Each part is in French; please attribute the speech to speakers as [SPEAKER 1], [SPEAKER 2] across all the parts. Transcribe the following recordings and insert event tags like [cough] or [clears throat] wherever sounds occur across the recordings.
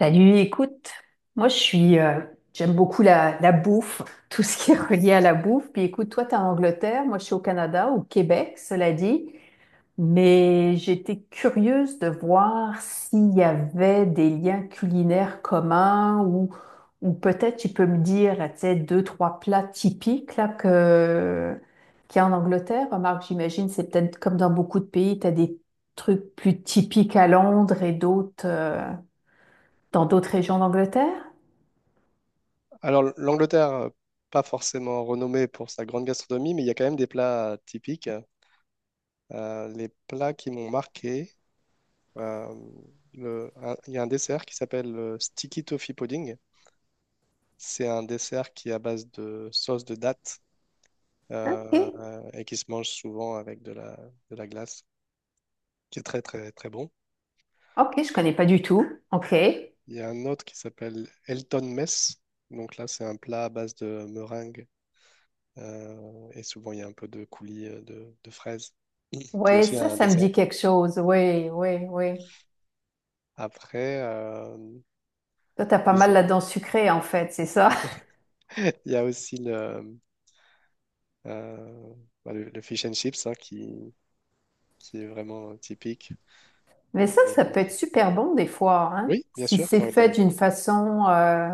[SPEAKER 1] Salut, écoute, moi je suis, euh, j'aime beaucoup la bouffe, [laughs] tout ce qui est relié à la bouffe. Puis écoute, toi t'es en Angleterre, moi je suis au Canada, au Québec, cela dit. Mais j'étais curieuse de voir s'il y avait des liens culinaires communs ou peut-être tu peux me dire, tu sais, deux, trois plats typiques qu'il y a en Angleterre. Remarque, j'imagine, c'est peut-être comme dans beaucoup de pays, tu as des trucs plus typiques à Londres et d'autres. Dans d'autres régions d'Angleterre?
[SPEAKER 2] Alors, l'Angleterre, pas forcément renommée pour sa grande gastronomie, mais il y a quand même des plats typiques. Les plats qui m'ont marqué, euh, il y a un dessert qui s'appelle le Sticky Toffee Pudding. C'est un dessert qui est à base de sauce de date euh,
[SPEAKER 1] Ok,
[SPEAKER 2] et qui se mange souvent avec de la glace, qui est très très très bon.
[SPEAKER 1] ok, je connais pas du tout. Ok.
[SPEAKER 2] Il y a un autre qui s'appelle Elton Mess. Donc là, c'est un plat à base de meringue et souvent il y a un peu de coulis de fraises qui est
[SPEAKER 1] Oui,
[SPEAKER 2] aussi
[SPEAKER 1] ça,
[SPEAKER 2] un
[SPEAKER 1] ça me
[SPEAKER 2] dessert.
[SPEAKER 1] dit quelque chose. Oui, oui, oui.
[SPEAKER 2] Après,
[SPEAKER 1] Toi, t'as pas
[SPEAKER 2] ils
[SPEAKER 1] mal
[SPEAKER 2] ont-
[SPEAKER 1] là-dedans sucré, en fait, c'est ça. [laughs]
[SPEAKER 2] [laughs] il y a aussi euh, le fish and chips hein, qui est vraiment typique.
[SPEAKER 1] Mais
[SPEAKER 2] Et-
[SPEAKER 1] ça peut être super bon des fois, hein.
[SPEAKER 2] oui, bien
[SPEAKER 1] Si
[SPEAKER 2] sûr,
[SPEAKER 1] c'est
[SPEAKER 2] quand il
[SPEAKER 1] fait
[SPEAKER 2] est...
[SPEAKER 1] d'une façon,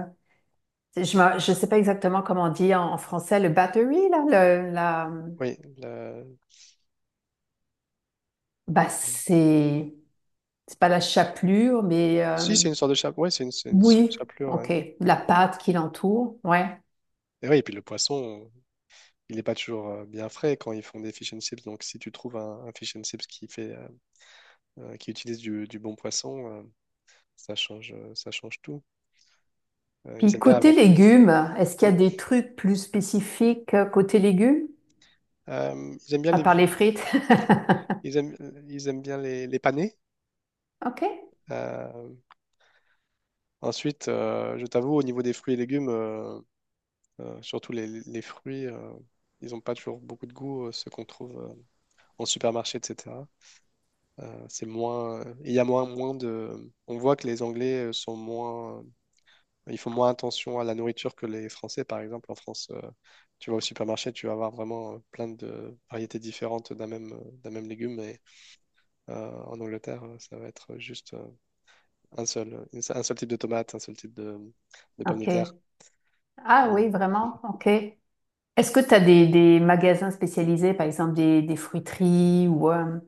[SPEAKER 1] je sais pas exactement comment on dit en français le battery là, le- la,
[SPEAKER 2] Oui, le-
[SPEAKER 1] bah c'est pas la chapelure, mais
[SPEAKER 2] Si, c'est une sorte de chapelure. Oui, c'est une
[SPEAKER 1] oui,
[SPEAKER 2] chapelure, ouais.
[SPEAKER 1] ok, la pâte qui l'entoure, ouais.
[SPEAKER 2] Et oui, et puis le poisson, il n'est pas toujours bien frais quand ils font des fish and chips. Donc, si tu trouves un fish and chips qui fait, qui utilise du bon poisson, ça change tout.
[SPEAKER 1] Puis
[SPEAKER 2] Ils aiment bien
[SPEAKER 1] côté
[SPEAKER 2] avec...
[SPEAKER 1] légumes, est-ce qu'il y a des trucs plus spécifiques côté légumes,
[SPEAKER 2] [clears throat] euh, ils aiment bien
[SPEAKER 1] à
[SPEAKER 2] les
[SPEAKER 1] part
[SPEAKER 2] vieux-
[SPEAKER 1] les frites? [laughs]
[SPEAKER 2] ils aiment, ils aiment bien les panés.
[SPEAKER 1] Ok,
[SPEAKER 2] Euh, je t'avoue, au niveau des fruits et légumes, surtout les fruits, ils n'ont pas toujours beaucoup de goût, ceux qu'on trouve en supermarché, etc. C'est il y a moins de. On voit que les Anglais sont ils font moins attention à la nourriture que les Français, par exemple. En France, tu vas au supermarché, tu vas avoir vraiment plein de variétés différentes d'un même légume. Et en Angleterre, ça va être juste un seul type de tomate, un seul type de pommes de
[SPEAKER 1] ok.
[SPEAKER 2] terre.
[SPEAKER 1] Ah
[SPEAKER 2] Euh,
[SPEAKER 1] oui, vraiment, ok. Est-ce que tu as des magasins spécialisés, par exemple des fruiteries ou...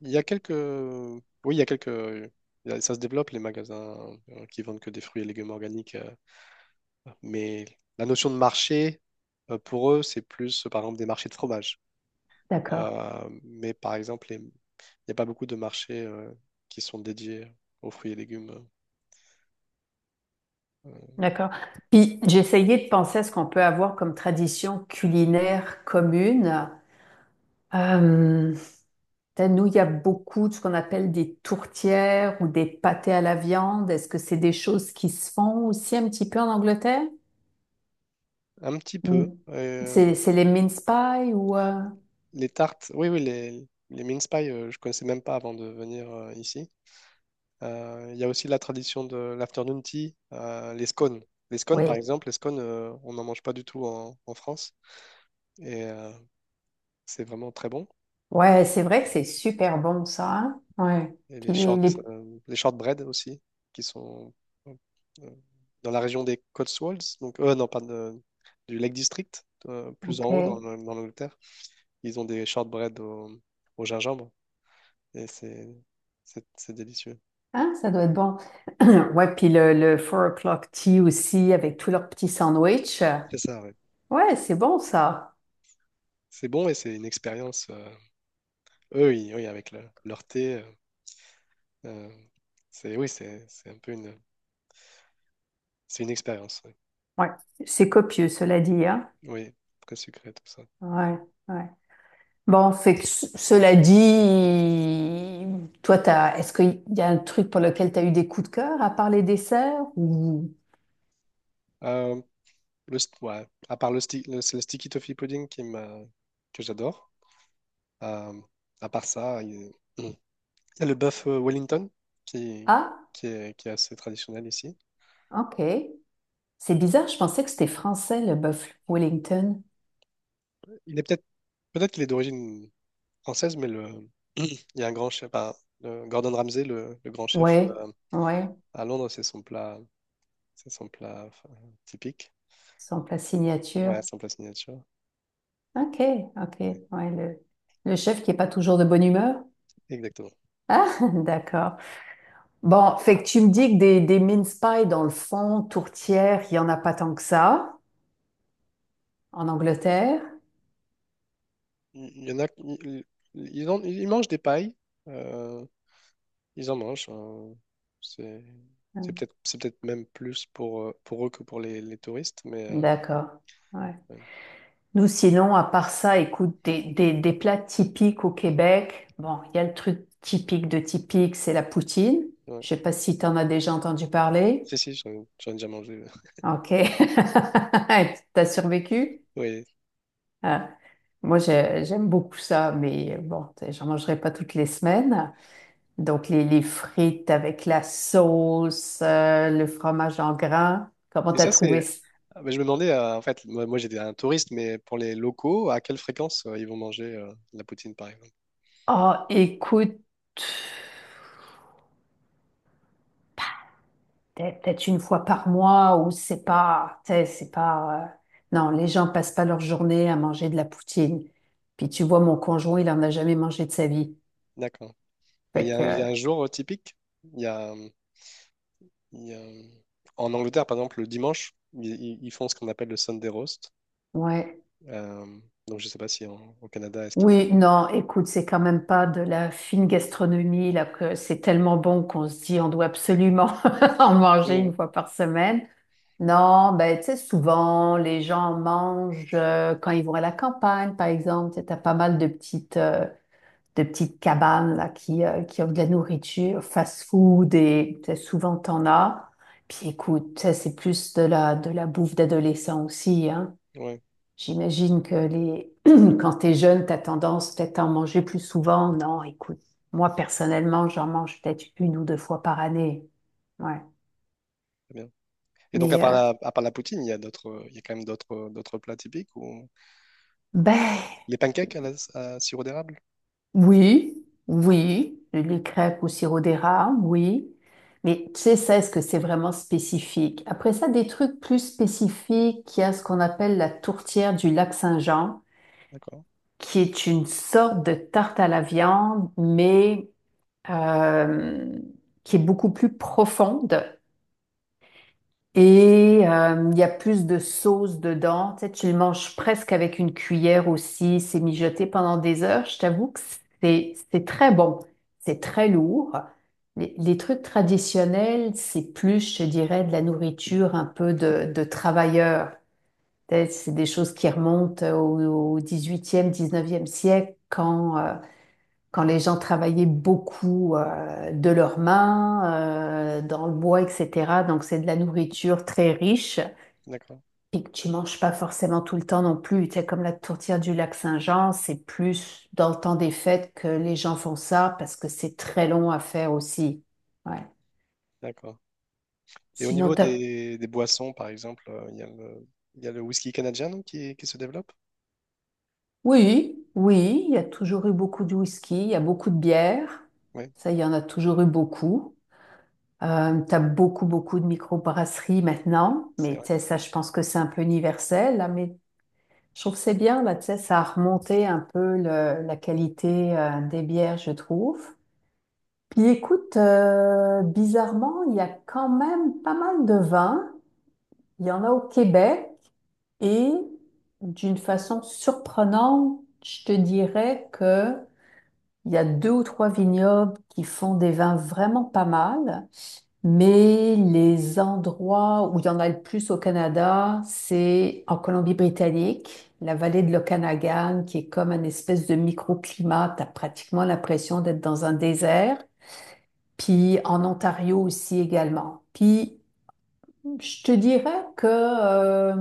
[SPEAKER 2] Il y a quelques... Oui, il y a quelques... Ça se développe, les magasins qui vendent que des fruits et légumes organiques. Mais la notion de marché, pour eux, c'est plus, par exemple, des marchés de fromage.
[SPEAKER 1] d'accord,
[SPEAKER 2] Mais par exemple, il n'y a pas beaucoup de marchés qui sont dédiés aux fruits et légumes. Euh,
[SPEAKER 1] d'accord. Puis j'essayais de penser à ce qu'on peut avoir comme tradition culinaire commune. Euh, Nous, il y a beaucoup de ce qu'on appelle des tourtières ou des pâtés à la viande. Est-ce que c'est des choses qui se font aussi un petit peu en Angleterre?
[SPEAKER 2] un petit
[SPEAKER 1] Mm.
[SPEAKER 2] peu.
[SPEAKER 1] C'est les mince pies ou...
[SPEAKER 2] Les tartes, oui, oui, les mince pies je connaissais même pas avant de venir ici. Il y a aussi la tradition de l'afternoon tea, les scones. Les scones, par
[SPEAKER 1] oui.
[SPEAKER 2] exemple, les scones, on n'en mange pas du tout en, en France et c'est vraiment très bon.
[SPEAKER 1] Ouais, c'est vrai que c'est super bon ça, hein. Ouais.
[SPEAKER 2] Et
[SPEAKER 1] Puis les... les-
[SPEAKER 2] les shortbread aussi, qui sont euh, dans la région des Cotswolds, donc non, pas de- du Lake District, plus en haut dans,
[SPEAKER 1] OK.
[SPEAKER 2] dans l'Angleterre. Ils ont des shortbread au gingembre et c'est délicieux.
[SPEAKER 1] Hein, ça doit être bon. [clears throat] Ouais, puis le four o'clock tea aussi avec tous leurs petits sandwichs.
[SPEAKER 2] C'est ça, ouais.
[SPEAKER 1] Ouais, c'est bon ça.
[SPEAKER 2] C'est bon et c'est une expérience. Oui, avec leur thé. Euh, c'est, oui, c'est un peu c'est une expérience. Oui.
[SPEAKER 1] Ouais. C'est copieux, cela dit, hein.
[SPEAKER 2] Oui, très sucré, tout ça.
[SPEAKER 1] Ouais, ouais. Bon, fait que cela dit, est-ce qu'il y a un truc pour lequel tu as eu des coups de cœur à part les desserts ou...
[SPEAKER 2] Euh, le, st- ouais, à part le, sti- le, c'est le sticky toffee pudding que j'adore. Euh, à part ça, il y a hmm, il y a le bœuf Wellington qui,
[SPEAKER 1] Ah,
[SPEAKER 2] qui est assez traditionnel ici.
[SPEAKER 1] OK. C'est bizarre, je pensais que c'était français, le bœuf Wellington.
[SPEAKER 2] Il est peut-être peut-être qu'il est d'origine française, il y a un grand chef, enfin, le Gordon Ramsay, le grand chef
[SPEAKER 1] Ouais, ouais,
[SPEAKER 2] à Londres, c'est son plat enfin, typique.
[SPEAKER 1] son plat signature.
[SPEAKER 2] Ouais, c'est son plat signature.
[SPEAKER 1] Ok, ok,
[SPEAKER 2] Ouais,
[SPEAKER 1] ouais, le chef qui est pas toujours de bonne humeur.
[SPEAKER 2] exactement.
[SPEAKER 1] Ah, [laughs] d'accord. Bon, fait que tu me dis que des mince pies dans le fond, tourtière, il y en a pas tant que ça, en Angleterre.
[SPEAKER 2] Il y en a, ils mangent des pailles. euh, Ils en mangent. C'est c'est peut-être même plus pour eux que pour les touristes. Mais
[SPEAKER 1] D'accord, ouais.
[SPEAKER 2] ouais,
[SPEAKER 1] Nous, sinon, à part ça, écoute, des plats typiques au Québec. Bon, il y a le truc typique de typique, c'est la poutine.
[SPEAKER 2] ouais.
[SPEAKER 1] Je sais pas si tu en as déjà entendu parler.
[SPEAKER 2] Si, si, j'en ai déjà mangé. [laughs]
[SPEAKER 1] Ok. [laughs] T'as survécu?
[SPEAKER 2] Oui.
[SPEAKER 1] Euh, moi, j'aime beaucoup ça, mais bon, tu sais, j'en mangerai pas toutes les semaines. Donc, les frites avec la sauce, le fromage en grains. Comment
[SPEAKER 2] Et
[SPEAKER 1] t'as
[SPEAKER 2] ça,
[SPEAKER 1] trouvé
[SPEAKER 2] c'est.
[SPEAKER 1] ça?
[SPEAKER 2] Ah, bah, je me demandais, en fait, moi, j'étais un touriste, mais pour les locaux, à quelle fréquence ils vont manger de la poutine, par exemple?
[SPEAKER 1] Oh, écoute, peut-être une fois par mois ou c'est pas, tu sais, c'est pas. Non, les gens passent pas leur journée à manger de la poutine. Puis tu vois, mon conjoint, il en a jamais mangé de sa vie.
[SPEAKER 2] D'accord. Mais il
[SPEAKER 1] Fait
[SPEAKER 2] y a,
[SPEAKER 1] que,
[SPEAKER 2] un il y a un jour typique. Il y a, il y a- En Angleterre, par exemple, le dimanche, ils font ce qu'on appelle le Sunday roast.
[SPEAKER 1] ouais.
[SPEAKER 2] Euh, donc je sais pas si au Canada, est-ce qu'il y a...
[SPEAKER 1] Oui, non, écoute, c'est quand même pas de la fine gastronomie, là, que c'est tellement bon qu'on se dit on doit absolument [laughs] en manger
[SPEAKER 2] Oui,
[SPEAKER 1] une fois par semaine. Non, ben, tu sais, souvent, les gens mangent quand ils vont à la campagne, par exemple. Tu as pas mal de petites cabanes, là, qui offrent de la nourriture, fast-food, et tu sais, souvent, t'en as. Puis écoute, ça, c'est plus de la bouffe d'adolescent aussi, hein.
[SPEAKER 2] oui, ouais,
[SPEAKER 1] J'imagine que les... [clears throat] quand tu es jeune, tu as tendance peut-être à en manger plus souvent. Non, écoute, moi personnellement, j'en mange peut-être une ou deux fois par année. Ouais.
[SPEAKER 2] très bien. Et donc à
[SPEAKER 1] Mais
[SPEAKER 2] part à part la poutine, il y a quand même d'autres plats typiques ou
[SPEAKER 1] ben
[SPEAKER 2] les pancakes à sirop d'érable,
[SPEAKER 1] oui, oui, les crêpes au sirop d'érable, oui. Mais tu sais, ça, est-ce que c'est vraiment spécifique? Après ça, des trucs plus spécifiques, il y a ce qu'on appelle la tourtière du lac Saint-Jean,
[SPEAKER 2] d'accord,
[SPEAKER 1] qui est une sorte de tarte à la viande, mais euh, qui est beaucoup plus profonde et il y a plus de sauce dedans. Tu sais, tu le manges presque avec une cuillère aussi. C'est mijoté pendant des heures. Je t'avoue que c'est très bon. C'est très lourd. Les trucs traditionnels, c'est plus, je dirais, de la nourriture un peu de travailleurs. Tu sais, c'est des choses qui remontent au 18e, 19e siècle quand... quand les gens travaillaient beaucoup de leurs mains, dans le bois, etc. Donc c'est de la nourriture très riche
[SPEAKER 2] d'accord,
[SPEAKER 1] et que tu manges pas forcément tout le temps non plus. Tu sais, comme la tourtière du lac Saint-Jean, c'est plus dans le temps des fêtes que les gens font ça parce que c'est très long à faire aussi. Ouais.
[SPEAKER 2] d'accord. Et au
[SPEAKER 1] Sinon,
[SPEAKER 2] niveau
[SPEAKER 1] t'as...
[SPEAKER 2] des boissons, par exemple, il y a le whisky canadien non, qui se développe.
[SPEAKER 1] oui, oui, il y a toujours eu beaucoup de whisky, il y a beaucoup de bière.
[SPEAKER 2] Oui,
[SPEAKER 1] Ça, il y en a toujours eu beaucoup. Tu as beaucoup de microbrasseries maintenant,
[SPEAKER 2] c'est
[SPEAKER 1] mais tu
[SPEAKER 2] vrai.
[SPEAKER 1] sais, ça, je pense que c'est un peu universel, là, mais je trouve que c'est bien, là, tu sais, ça a remonté un peu la qualité des bières, je trouve. Puis écoute, bizarrement, il y a quand même pas mal de vins. Il y en a au Québec et d'une façon surprenante, je te dirais que il y a deux ou trois vignobles qui font des vins vraiment pas mal. Mais les endroits où il y en a le plus au Canada, c'est en Colombie-Britannique, la vallée de l'Okanagan, qui est comme une espèce de microclimat. T'as pratiquement l'impression d'être dans un désert. Puis en Ontario aussi également. Puis je te dirais que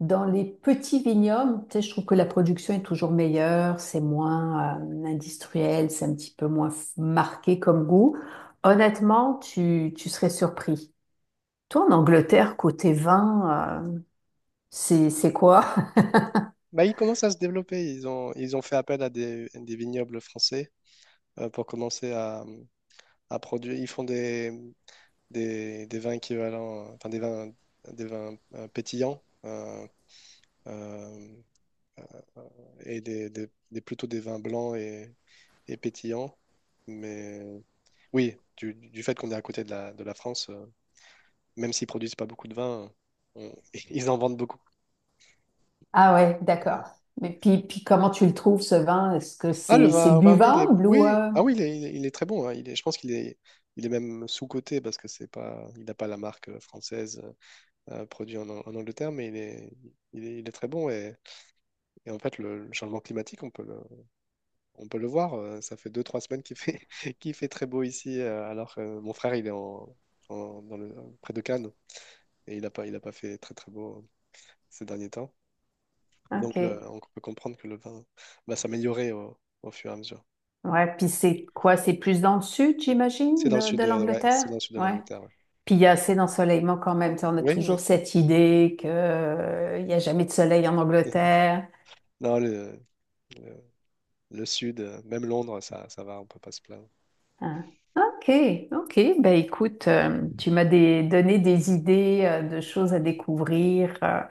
[SPEAKER 1] dans les petits vignobles, tu sais, je trouve que la production est toujours meilleure, c'est moins industriel, c'est un petit peu moins marqué comme goût. Honnêtement, tu serais surpris. Toi, en Angleterre, côté vin, c'est quoi? [laughs]
[SPEAKER 2] Bah, ils commencent à se développer. Ils ont fait appel à des vignobles français pour commencer à produire. Ils font des vins équivalents, des vins pétillants, euh, et plutôt des vins blancs et pétillants. Mais oui, du fait qu'on est à côté de de la France, même s'ils produisent pas beaucoup de vin, on- [laughs] ils en vendent beaucoup.
[SPEAKER 1] Ah ouais, d'accord.
[SPEAKER 2] Ouais.
[SPEAKER 1] Mais puis comment tu le trouves, ce vin? Est-ce que
[SPEAKER 2] Ah, le
[SPEAKER 1] c'est
[SPEAKER 2] vin, au Bargello, il est...
[SPEAKER 1] buvable ou...
[SPEAKER 2] Oui, ah oui, il est très bon. Hein. Je pense qu'il est, il est même sous-coté parce que c'est pas, il n'a pas la marque française produite en, en Angleterre, il est très bon. Et en fait, le changement climatique, on peut le voir. Ça fait deux, trois semaines qu'il fait, [laughs] qu'il fait très beau ici, alors que mon frère, il est en, en- dans le, près de Cannes et il a pas fait très, très beau ces derniers temps.
[SPEAKER 1] ok.
[SPEAKER 2] Donc, on peut comprendre que le vin va s'améliorer au fur et à mesure.
[SPEAKER 1] Ouais, puis c'est quoi? C'est plus dans le sud,
[SPEAKER 2] C'est
[SPEAKER 1] j'imagine,
[SPEAKER 2] dans le sud,
[SPEAKER 1] de
[SPEAKER 2] ouais, c'est
[SPEAKER 1] l'Angleterre?
[SPEAKER 2] dans le sud de
[SPEAKER 1] Ouais.
[SPEAKER 2] l'Angleterre. Ouais.
[SPEAKER 1] Puis il y a assez d'ensoleillement quand même. Tu sais, on a
[SPEAKER 2] Oui, oui.
[SPEAKER 1] toujours cette idée que, il n'y a jamais de soleil en Angleterre.
[SPEAKER 2] Non, le, le sud, même Londres, ça va, on peut pas se plaindre.
[SPEAKER 1] Hein. Ok, ok. Ben écoute, tu m'as donné des idées de choses à découvrir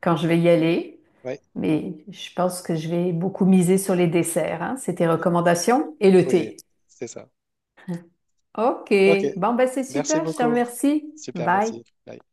[SPEAKER 1] quand je vais y aller.
[SPEAKER 2] Ouais,
[SPEAKER 1] Mais je pense que je vais beaucoup miser sur les desserts, hein. C'est tes recommandations et le
[SPEAKER 2] oui,
[SPEAKER 1] thé.
[SPEAKER 2] c'est ça.
[SPEAKER 1] Ok.
[SPEAKER 2] Ok,
[SPEAKER 1] Bon, ben c'est
[SPEAKER 2] merci
[SPEAKER 1] super. Je te
[SPEAKER 2] beaucoup.
[SPEAKER 1] remercie.
[SPEAKER 2] Super,
[SPEAKER 1] Bye.
[SPEAKER 2] merci. Bye.